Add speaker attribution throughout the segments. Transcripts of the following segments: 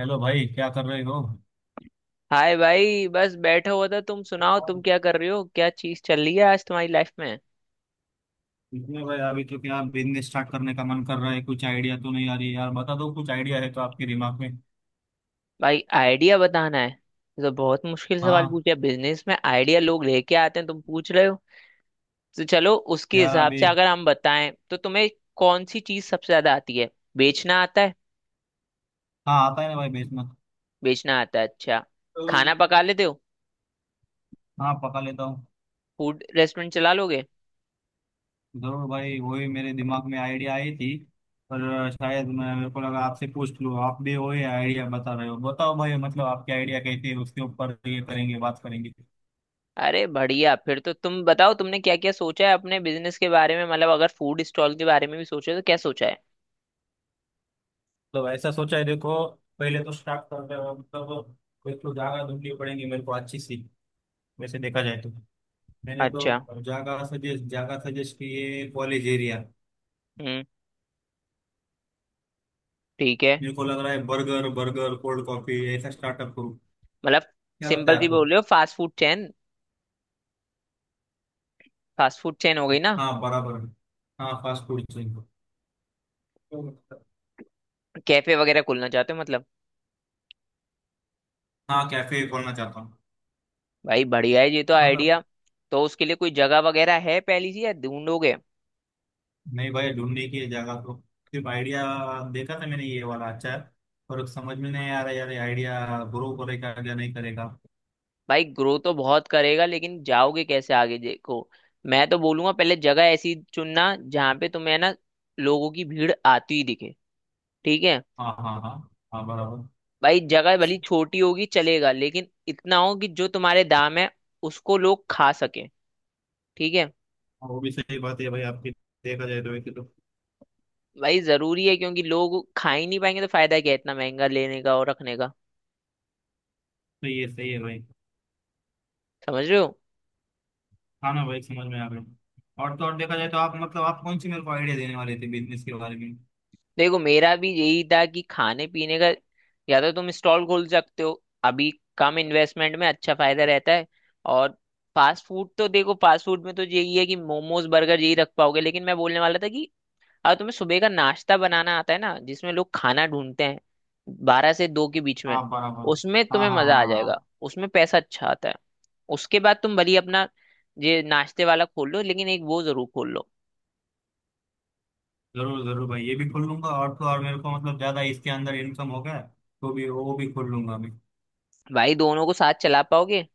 Speaker 1: Hello भाई, क्या कर रहे हो?
Speaker 2: हाय भाई, बस बैठा हुआ था। तुम सुनाओ, तुम क्या कर रहे हो, क्या चीज चल रही है आज तुम्हारी लाइफ में।
Speaker 1: इसमें भाई, अभी तो क्या बिजनेस स्टार्ट करने का मन कर रहा है। कुछ आइडिया तो नहीं आ रही यार, बता दो कुछ आइडिया है तो आपके दिमाग में।
Speaker 2: भाई आइडिया बताना है, ये तो बहुत मुश्किल सवाल
Speaker 1: हाँ।
Speaker 2: पूछे। बिजनेस में आइडिया लोग लेके आते हैं, तुम पूछ रहे हो। तो चलो उसके
Speaker 1: यार
Speaker 2: हिसाब से
Speaker 1: अभी।
Speaker 2: अगर हम बताएं तो तुम्हें कौन सी चीज सबसे ज्यादा आती है। बेचना आता है।
Speaker 1: हाँ, आता है ना भाई बेचना।
Speaker 2: बेचना आता है, अच्छा। खाना पका लेते हो।
Speaker 1: हाँ पका लेता हूँ।
Speaker 2: फूड रेस्टोरेंट चला लोगे।
Speaker 1: जरूर भाई, वही मेरे दिमाग में आइडिया आई थी। पर शायद मैं, मेरे को लगा आपसे पूछ लूँ। आप भी वही आइडिया बता रहे हो। बताओ भाई, मतलब आपके आइडिया कैसे है उसके ऊपर ये करेंगे, बात करेंगे।
Speaker 2: अरे बढ़िया, फिर तो तुम बताओ तुमने क्या क्या सोचा है अपने बिजनेस के बारे में। मतलब अगर फूड स्टॉल के बारे में भी सोचे तो क्या सोचा है।
Speaker 1: तो ऐसा सोचा है देखो, पहले तो स्टार्ट कर रहे हो मतलब एक तो जगह ढूंढनी पड़ेगी मेरे को अच्छी सी। वैसे देखा जाए तो मैंने
Speaker 2: अच्छा।
Speaker 1: तो जगह सजेस्ट की है, कॉलेज एरिया।
Speaker 2: हम्म। ठीक है।
Speaker 1: मेरे को लग रहा है बर्गर बर्गर कोल्ड कॉफी ऐसा स्टार्टअप करूँ।
Speaker 2: मतलब
Speaker 1: क्या लगता
Speaker 2: सिंपल
Speaker 1: है
Speaker 2: सी
Speaker 1: आपको?
Speaker 2: बोल रहे हो, fast food chain. Fast food chain हो गई ना।
Speaker 1: हाँ बराबर है। हाँ फास्ट फूड चेन को।
Speaker 2: कैफे वगैरह खोलना चाहते हो मतलब।
Speaker 1: हाँ कैफे खोलना चाहता हूँ।
Speaker 2: भाई बढ़िया है ये तो
Speaker 1: मतलब।
Speaker 2: आइडिया। तो उसके लिए कोई जगह वगैरह है पहली सी या ढूंढोगे।
Speaker 1: नहीं भाई, ढूंढने की है जगह तो। सिर्फ आइडिया देखा था मैंने, ये वाला अच्छा है। पर समझ में नहीं आ रहा यार, आइडिया ग्रो करेगा या नहीं करेगा।
Speaker 2: भाई ग्रो तो बहुत करेगा, लेकिन जाओगे कैसे आगे, देखो। मैं तो बोलूंगा पहले जगह ऐसी चुनना जहाँ पे तुम्हें ना लोगों की भीड़ आती ही दिखे। ठीक है।
Speaker 1: हाँ हाँ हाँ। हाँ बराबर।
Speaker 2: भाई जगह भली छोटी होगी चलेगा, लेकिन इतना हो कि जो तुम्हारे दाम है उसको लोग खा सके। ठीक है।
Speaker 1: हाँ, वो भी सही बात है भाई आपकी। देखा जाए तो वैसे तो।
Speaker 2: भाई जरूरी है, क्योंकि लोग खा ही नहीं पाएंगे तो फायदा क्या है इतना महंगा लेने का और रखने का।
Speaker 1: सही है भाई।
Speaker 2: समझ रहे हो।
Speaker 1: हाँ ना भाई, समझ में आ गई। और तो और देखा जाए तो आप मतलब आप कौन सी मेरे को आइडिया देने वाले थे बिजनेस के बारे में?
Speaker 2: देखो, मेरा भी यही था कि खाने पीने का। या तो तुम स्टॉल खोल सकते हो अभी, कम इन्वेस्टमेंट में अच्छा फायदा रहता है। और फास्ट फूड तो देखो, फास्ट फूड में तो यही है कि मोमोज, बर्गर यही रख पाओगे। लेकिन मैं बोलने वाला था कि अब तुम्हें सुबह का नाश्ता बनाना आता है ना, जिसमें लोग खाना ढूंढते हैं 12 से 2 के बीच में।
Speaker 1: हाँ बराबर।
Speaker 2: उसमें
Speaker 1: हाँ
Speaker 2: तुम्हें
Speaker 1: हाँ
Speaker 2: मजा
Speaker 1: हाँ
Speaker 2: आ जाएगा।
Speaker 1: हाँ।
Speaker 2: उसमें पैसा अच्छा आता है। उसके बाद तुम भली अपना ये नाश्ते वाला खोल लो, लेकिन एक वो जरूर खोल लो।
Speaker 1: जरूर जरूर भाई, ये भी खोल लूंगा। और तो और मेरे को मतलब ज्यादा इसके अंदर इनकम होगा तो भी वो भी खोल लूंगा मैं।
Speaker 2: भाई दोनों को साथ चला पाओगे।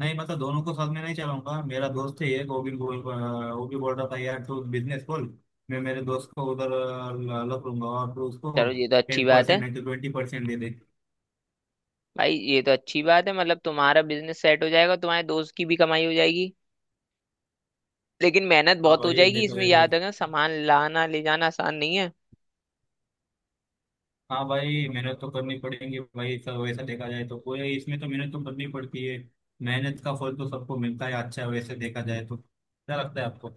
Speaker 1: नहीं, मतलब दोनों को साथ में नहीं चलाऊंगा। मेरा दोस्त है एक, वो भी वो भी बोल रहा था यार, तू बिजनेस खोल। मैं मेरे दोस्त को उधर लग लूंगा, और तू उसको
Speaker 2: चलो ये तो अच्छी
Speaker 1: टेन
Speaker 2: बात
Speaker 1: परसेंट
Speaker 2: है।
Speaker 1: नहीं तो 20% दे दे।
Speaker 2: भाई ये तो अच्छी बात है, मतलब तुम्हारा बिजनेस सेट हो जाएगा, तुम्हारे दोस्त की भी कमाई हो जाएगी। लेकिन मेहनत
Speaker 1: हाँ
Speaker 2: बहुत हो
Speaker 1: भाई
Speaker 2: जाएगी
Speaker 1: देखा
Speaker 2: इसमें,
Speaker 1: जाए
Speaker 2: याद रखना,
Speaker 1: तो।
Speaker 2: सामान लाना ले जाना आसान नहीं है।
Speaker 1: हाँ भाई, मेहनत तो करनी पड़ेगी भाई सब, वैसा देखा जाए तो कोई इसमें तो मेहनत तो करनी पड़ती है। मेहनत का फल तो सबको मिलता है, अच्छा है। वैसे देखा जाए तो, क्या लगता है आपको?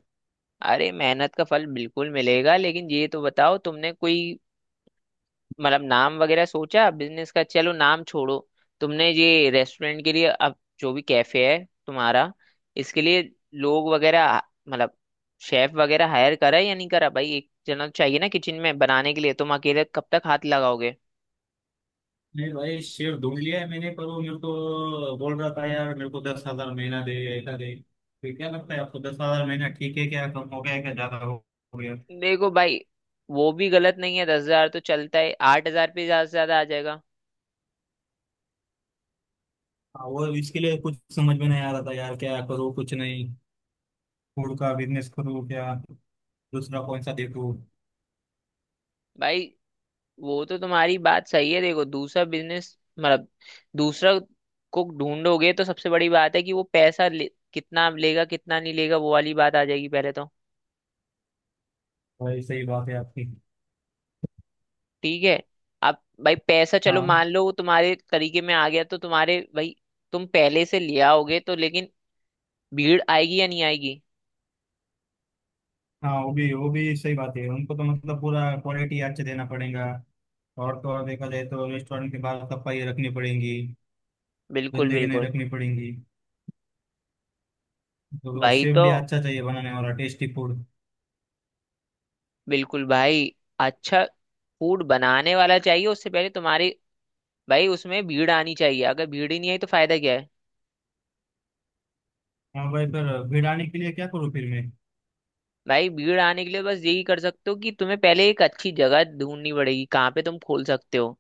Speaker 2: अरे मेहनत का फल बिल्कुल मिलेगा, लेकिन ये तो बताओ तुमने कोई, मतलब नाम वगैरह सोचा बिजनेस का। चलो नाम छोड़ो। तुमने ये रेस्टोरेंट के लिए, अब जो भी कैफे है तुम्हारा, इसके लिए लोग वगैरह, मतलब शेफ वगैरह हायर करा है या नहीं करा। भाई एक जना तो चाहिए ना किचन में बनाने के लिए, तुम अकेले कब तक हाथ लगाओगे।
Speaker 1: नहीं भाई, शेर ढूंढ लिया है मैंने। पर वो मेरे को बोल रहा था यार, मेरे को 10,000 महीना दे ऐसा दे। तो क्या लगता है आपको? 10,000 महीना ठीक है क्या? कम हो गया है, क्या ज्यादा हो गया?
Speaker 2: देखो भाई, वो भी गलत नहीं है, 10,000 तो चलता है, 8,000 पे ज्यादा से ज्यादा आ जाएगा।
Speaker 1: हाँ वो इसके लिए कुछ समझ में नहीं आ रहा था यार, क्या करूँ कुछ नहीं। फूड का बिजनेस करूँ क्या? दूसरा कौन सा देखूँ?
Speaker 2: भाई वो तो तुम्हारी बात सही है। देखो, दूसरा बिजनेस मतलब, दूसरा कुक ढूंढोगे तो सबसे बड़ी बात है कि वो पैसा ले, कितना लेगा कितना नहीं लेगा, वो वाली बात आ जाएगी पहले तो।
Speaker 1: भाई सही बात है आपकी।
Speaker 2: ठीक है। अब भाई पैसा, चलो
Speaker 1: हाँ
Speaker 2: मान लो वो तुम्हारे तरीके में आ गया, तो तुम्हारे भाई तुम पहले से ले आओगे, तो लेकिन भीड़ आएगी या नहीं आएगी।
Speaker 1: हाँ, वो भी सही बात है। उनको तो मतलब पूरा क्वालिटी अच्छे देना पड़ेगा। और तो और देखा जाए तो रेस्टोरेंट के बाहर सफाई रखनी पड़ेगी,
Speaker 2: बिल्कुल
Speaker 1: गंदगी नहीं
Speaker 2: बिल्कुल।
Speaker 1: रखनी पड़ेगी। तो
Speaker 2: भाई
Speaker 1: शेफ
Speaker 2: तो
Speaker 1: भी अच्छा चाहिए बनाने वाला टेस्टी फूड।
Speaker 2: बिल्कुल भाई, अच्छा फूड बनाने वाला चाहिए, उससे पहले तुम्हारी, भाई उसमें भीड़ आनी चाहिए। अगर भीड़ ही नहीं आई तो फायदा क्या है।
Speaker 1: हाँ भाई, पर भीड़ आने के लिए क्या करूँ फिर मैं?
Speaker 2: भाई भीड़ आने के लिए बस यही कर सकते हो कि तुम्हें पहले एक अच्छी जगह ढूंढनी पड़ेगी, कहाँ पे तुम खोल सकते हो।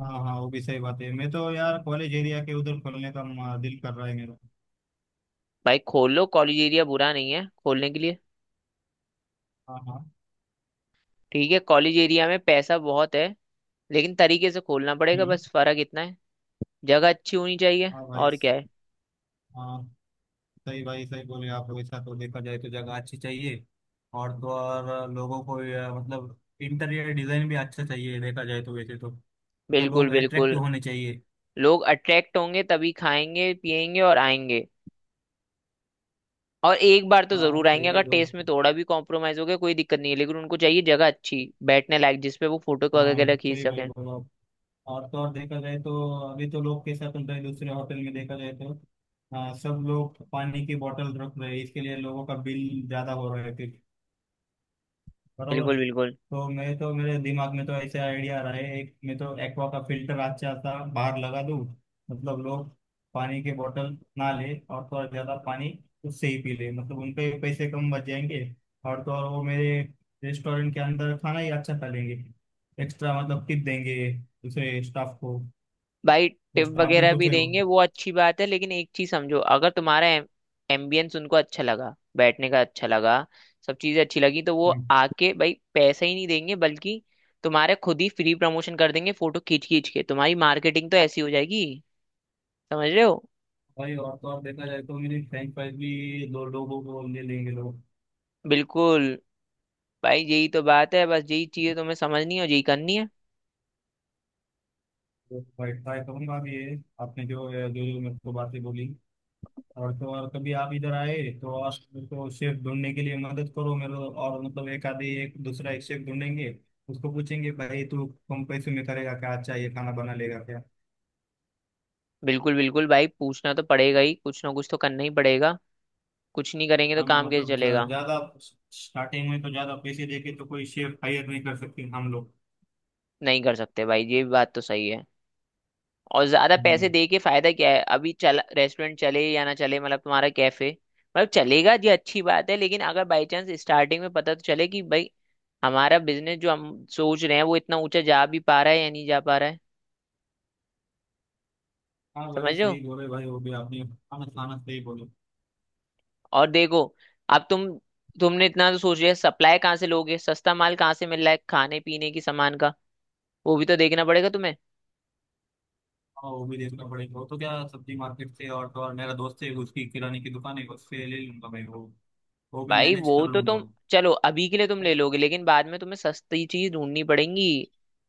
Speaker 1: हाँ हाँ, वो भी सही बात है। मैं तो यार कॉलेज एरिया के उधर करने का दिल कर रहा है मेरा।
Speaker 2: भाई खोल लो, कॉलेज एरिया बुरा नहीं है खोलने के लिए।
Speaker 1: हाँ हाँ।
Speaker 2: ठीक है, कॉलेज एरिया में पैसा बहुत है, लेकिन तरीके से खोलना पड़ेगा,
Speaker 1: हम्म।
Speaker 2: बस फर्क इतना है। जगह अच्छी होनी चाहिए।
Speaker 1: हाँ भाई।
Speaker 2: और क्या है।
Speaker 1: हाँ सही भाई, सही बोले आप। वैसा तो देखा जाए तो जगह अच्छी चाहिए। और तो और लोगों को ये, मतलब इंटीरियर डिजाइन भी अच्छा चाहिए। देखा जाए तो वैसे तो मतलब
Speaker 2: बिल्कुल
Speaker 1: लोग
Speaker 2: बिल्कुल।
Speaker 1: अट्रैक्टिव होने चाहिए।
Speaker 2: लोग अट्रैक्ट होंगे तभी खाएंगे, पिएंगे और आएंगे। और एक बार तो
Speaker 1: हाँ
Speaker 2: जरूर आएंगे।
Speaker 1: सही
Speaker 2: अगर
Speaker 1: है भाई।
Speaker 2: टेस्ट में थोड़ा भी कॉम्प्रोमाइज हो गया कोई दिक्कत नहीं है, लेकिन उनको चाहिए जगह अच्छी बैठने लायक, जिसपे वो फोटो
Speaker 1: हाँ
Speaker 2: वगैरह खींच
Speaker 1: सही भाई
Speaker 2: सकें।
Speaker 1: बोला आप। और तो और देखा जाए तो अभी तो लोग कैसा चल रहा है दूसरे होटल में, देखा जाए तो हाँ सब लोग पानी की बोतल रख रहे हैं। इसके लिए लोगों का बिल ज्यादा हो रहा है। बरोबर।
Speaker 2: बिल्कुल बिल्कुल।
Speaker 1: तो मैं तो मेरे दिमाग में तो ऐसे आइडिया रहा है एक, मैं तो एक्वा का फिल्टर अच्छा सा बाहर लगा दूं। मतलब लोग पानी के बोतल ना ले, और थोड़ा ज्यादा पानी उससे ही पी ले। मतलब उनके पैसे कम बच जाएंगे, और तो और वो मेरे रेस्टोरेंट के अंदर खाना ही अच्छा खा लेंगे। एक्स्ट्रा मतलब टिप देंगे दूसरे स्टाफ को,
Speaker 2: भाई
Speaker 1: तो
Speaker 2: टिप
Speaker 1: स्टाफ भी
Speaker 2: वगैरह
Speaker 1: खुश
Speaker 2: भी
Speaker 1: है वो।
Speaker 2: देंगे वो, अच्छी बात है, लेकिन एक चीज समझो, अगर तुम्हारा एम्बियंस उनको अच्छा लगा, बैठने का अच्छा लगा, सब चीजें अच्छी लगी, तो वो
Speaker 1: हम्म।
Speaker 2: आके भाई पैसा ही नहीं देंगे, बल्कि तुम्हारे खुद ही फ्री प्रमोशन कर देंगे, फोटो खींच खींच के तुम्हारी मार्केटिंग तो ऐसी हो जाएगी। समझ रहे हो।
Speaker 1: भाई और तो और देखा जाए तो मेरी फ्रेंच फ्राइज भी दो लोगों को ले लेंगे लोग।
Speaker 2: बिल्कुल। भाई यही तो बात है, बस यही चीजें तुम्हें समझनी है और यही करनी है।
Speaker 1: तो भाई ट्राई करूंगा भी ये। आपने जो जो जो मेरे को बातें बोली। और तो और कभी आप इधर आए तो आप मेरे को शेफ ढूंढने के लिए मदद करो मेरे को, और मतलब एक आधे एक दूसरा एक शेफ ढूंढेंगे। उसको पूछेंगे भाई, तू कम पैसे में करेगा क्या? अच्छा ये खाना बना लेगा क्या?
Speaker 2: बिल्कुल बिल्कुल, भाई पूछना तो पड़ेगा ही, कुछ ना कुछ तो करना ही पड़ेगा। कुछ नहीं करेंगे तो
Speaker 1: खाना
Speaker 2: काम कैसे
Speaker 1: मतलब
Speaker 2: चलेगा।
Speaker 1: ज्यादा, स्टार्टिंग में तो ज्यादा पैसे देके तो कोई शेफ हायर नहीं कर सकते हम लोग।
Speaker 2: नहीं कर सकते भाई, ये बात तो सही है। और ज्यादा पैसे
Speaker 1: हम्म।
Speaker 2: दे के फायदा क्या है, अभी चला रेस्टोरेंट, चले या ना चले, मतलब तुम्हारा कैफे मतलब चलेगा जी, अच्छी बात है, लेकिन अगर बाई चांस स्टार्टिंग में पता तो चले कि भाई हमारा बिजनेस जो हम सोच रहे हैं वो इतना ऊंचा जा भी पा रहा है या नहीं जा पा रहा है।
Speaker 1: हाँ
Speaker 2: समझ
Speaker 1: भाई
Speaker 2: रहे
Speaker 1: सही
Speaker 2: हो।
Speaker 1: बोले भाई, वो भी आपने खाना खाना सही बोले।
Speaker 2: और देखो, अब तुम, तुमने इतना तो सोच लिया, सप्लाई कहाँ से लोगे, सस्ता माल कहाँ से मिल रहा है खाने पीने की सामान का, वो भी तो देखना पड़ेगा तुम्हें।
Speaker 1: हाँ वो भी देखना पड़ेगा। वो तो क्या सब्जी मार्केट से, और तो और मेरा दोस्त है उसकी किराने की दुकान है उससे ले लूंगा भाई। वो भी
Speaker 2: भाई
Speaker 1: मैनेज कर
Speaker 2: वो तो
Speaker 1: लूंगा
Speaker 2: तुम,
Speaker 1: वो।
Speaker 2: चलो अभी के लिए तुम ले लोगे, लेकिन बाद में तुम्हें सस्ती चीज ढूंढनी पड़ेगी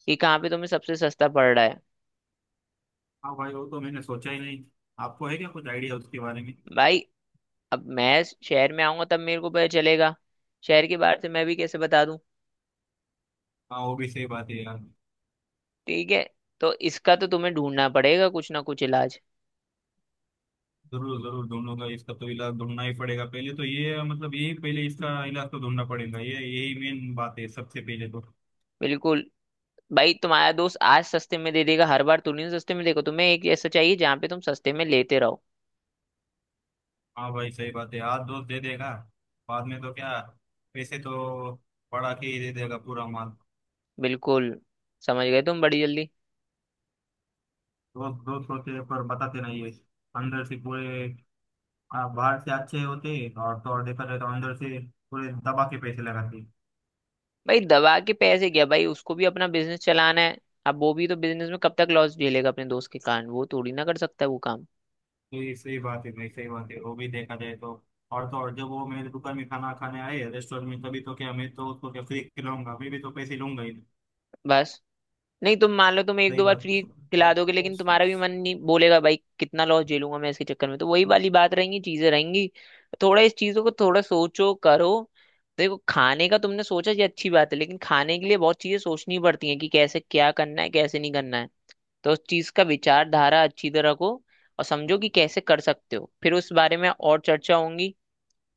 Speaker 2: कि कहाँ पे तुम्हें सबसे सस्ता पड़ रहा है।
Speaker 1: हाँ भाई वो तो मैंने सोचा ही नहीं। आपको है क्या कुछ आइडिया उसके बारे में?
Speaker 2: भाई अब मैं शहर में आऊंगा तब मेरे को पता चलेगा, शहर के बाहर से मैं भी कैसे बता दूं।
Speaker 1: हाँ वो भी सही बात है यार।
Speaker 2: ठीक है। तो इसका तो तुम्हें ढूंढना पड़ेगा कुछ ना कुछ इलाज।
Speaker 1: जरूर जरूर ढूंढूंगा, इसका तो इलाज ढूंढना ही पड़ेगा। पहले तो ये, मतलब ये पहले इसका इलाज तो ढूंढना पड़ेगा। ये यही मेन बात है सबसे पहले तो।
Speaker 2: बिल्कुल। भाई तुम्हारा दोस्त आज सस्ते में दे देगा, हर बार तुम नहीं सस्ते में, देखो तुम्हें एक ऐसा चाहिए जहाँ पे तुम सस्ते में लेते रहो।
Speaker 1: हाँ भाई सही बात है, आज दोस्त दे देगा, बाद में तो क्या पैसे तो बढ़ा के ही दे देगा पूरा माल।
Speaker 2: बिल्कुल, समझ गए तुम बड़ी जल्दी।
Speaker 1: दोस्त दोस्त होते हैं पर बताते नहीं है। अंदर से पूरे, बाहर से अच्छे होते हैं। और तो और देखा जाए तो अंदर से पूरे दबा के पैसे लगाते हैं।
Speaker 2: भाई दवा के पैसे क्या, भाई उसको भी अपना बिजनेस चलाना है। अब वो भी तो बिजनेस में कब तक लॉस झेलेगा अपने दोस्त के कारण, वो थोड़ी ना कर सकता है वो काम।
Speaker 1: तो ये सही बात है भाई, सही बात है। वो भी देखा जाए तो और जब वो मेरे दुकान में खाना खाने आए रेस्टोरेंट में, तभी तो क्या मैं तो उसको क्या फ्री खिलाऊंगा? मैं भी तो पैसे लूंगा ही।
Speaker 2: बस नहीं, तुम मान लो तुम एक
Speaker 1: सही
Speaker 2: दो बार
Speaker 1: बात
Speaker 2: फ्री
Speaker 1: है।
Speaker 2: खिला दोगे, लेकिन तुम्हारा भी मन नहीं बोलेगा, भाई कितना लॉस झेलूंगा मैं इसके चक्कर में, तो वही वाली बात रहेंगी, चीजें रहेंगी। थोड़ा इस चीजों को थोड़ा सोचो करो। देखो, खाने का तुमने सोचा ये अच्छी बात है, लेकिन खाने के लिए बहुत चीजें सोचनी पड़ती हैं कि कैसे क्या करना है, कैसे नहीं करना है। तो उस चीज का विचारधारा अच्छी तरह रखो और समझो कि कैसे कर सकते हो, फिर उस बारे में और चर्चा होंगी।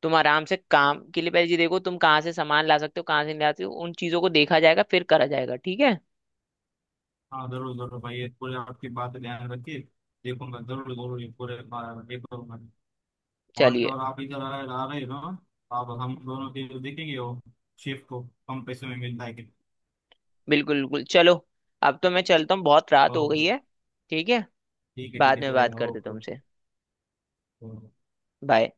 Speaker 2: तुम आराम से काम के लिए पहले ये देखो तुम कहाँ से सामान ला सकते हो, कहाँ से नहीं ला सकते हो, उन चीजों को देखा जाएगा फिर करा जाएगा। ठीक है।
Speaker 1: हाँ जरूर जरूर भाई, ये पूरे आपकी बात ध्यान रखिए। देखूंगा जरूर जरूर ये पूरे, ये करूंगा। और तो
Speaker 2: चलिए,
Speaker 1: और आप इधर आ रहे हो ना, आप हम दोनों के जो देखेंगे वो शिफ्ट को कम पैसे में मिलता है कि।
Speaker 2: बिल्कुल बिल्कुल, चलो अब तो मैं चलता हूँ, बहुत रात हो गई
Speaker 1: ओके
Speaker 2: है। ठीक है।
Speaker 1: ठीक है। ठीक
Speaker 2: बाद
Speaker 1: है
Speaker 2: में बात
Speaker 1: चलेगा।
Speaker 2: करते
Speaker 1: ओके
Speaker 2: तुमसे।
Speaker 1: ओके।
Speaker 2: बाय।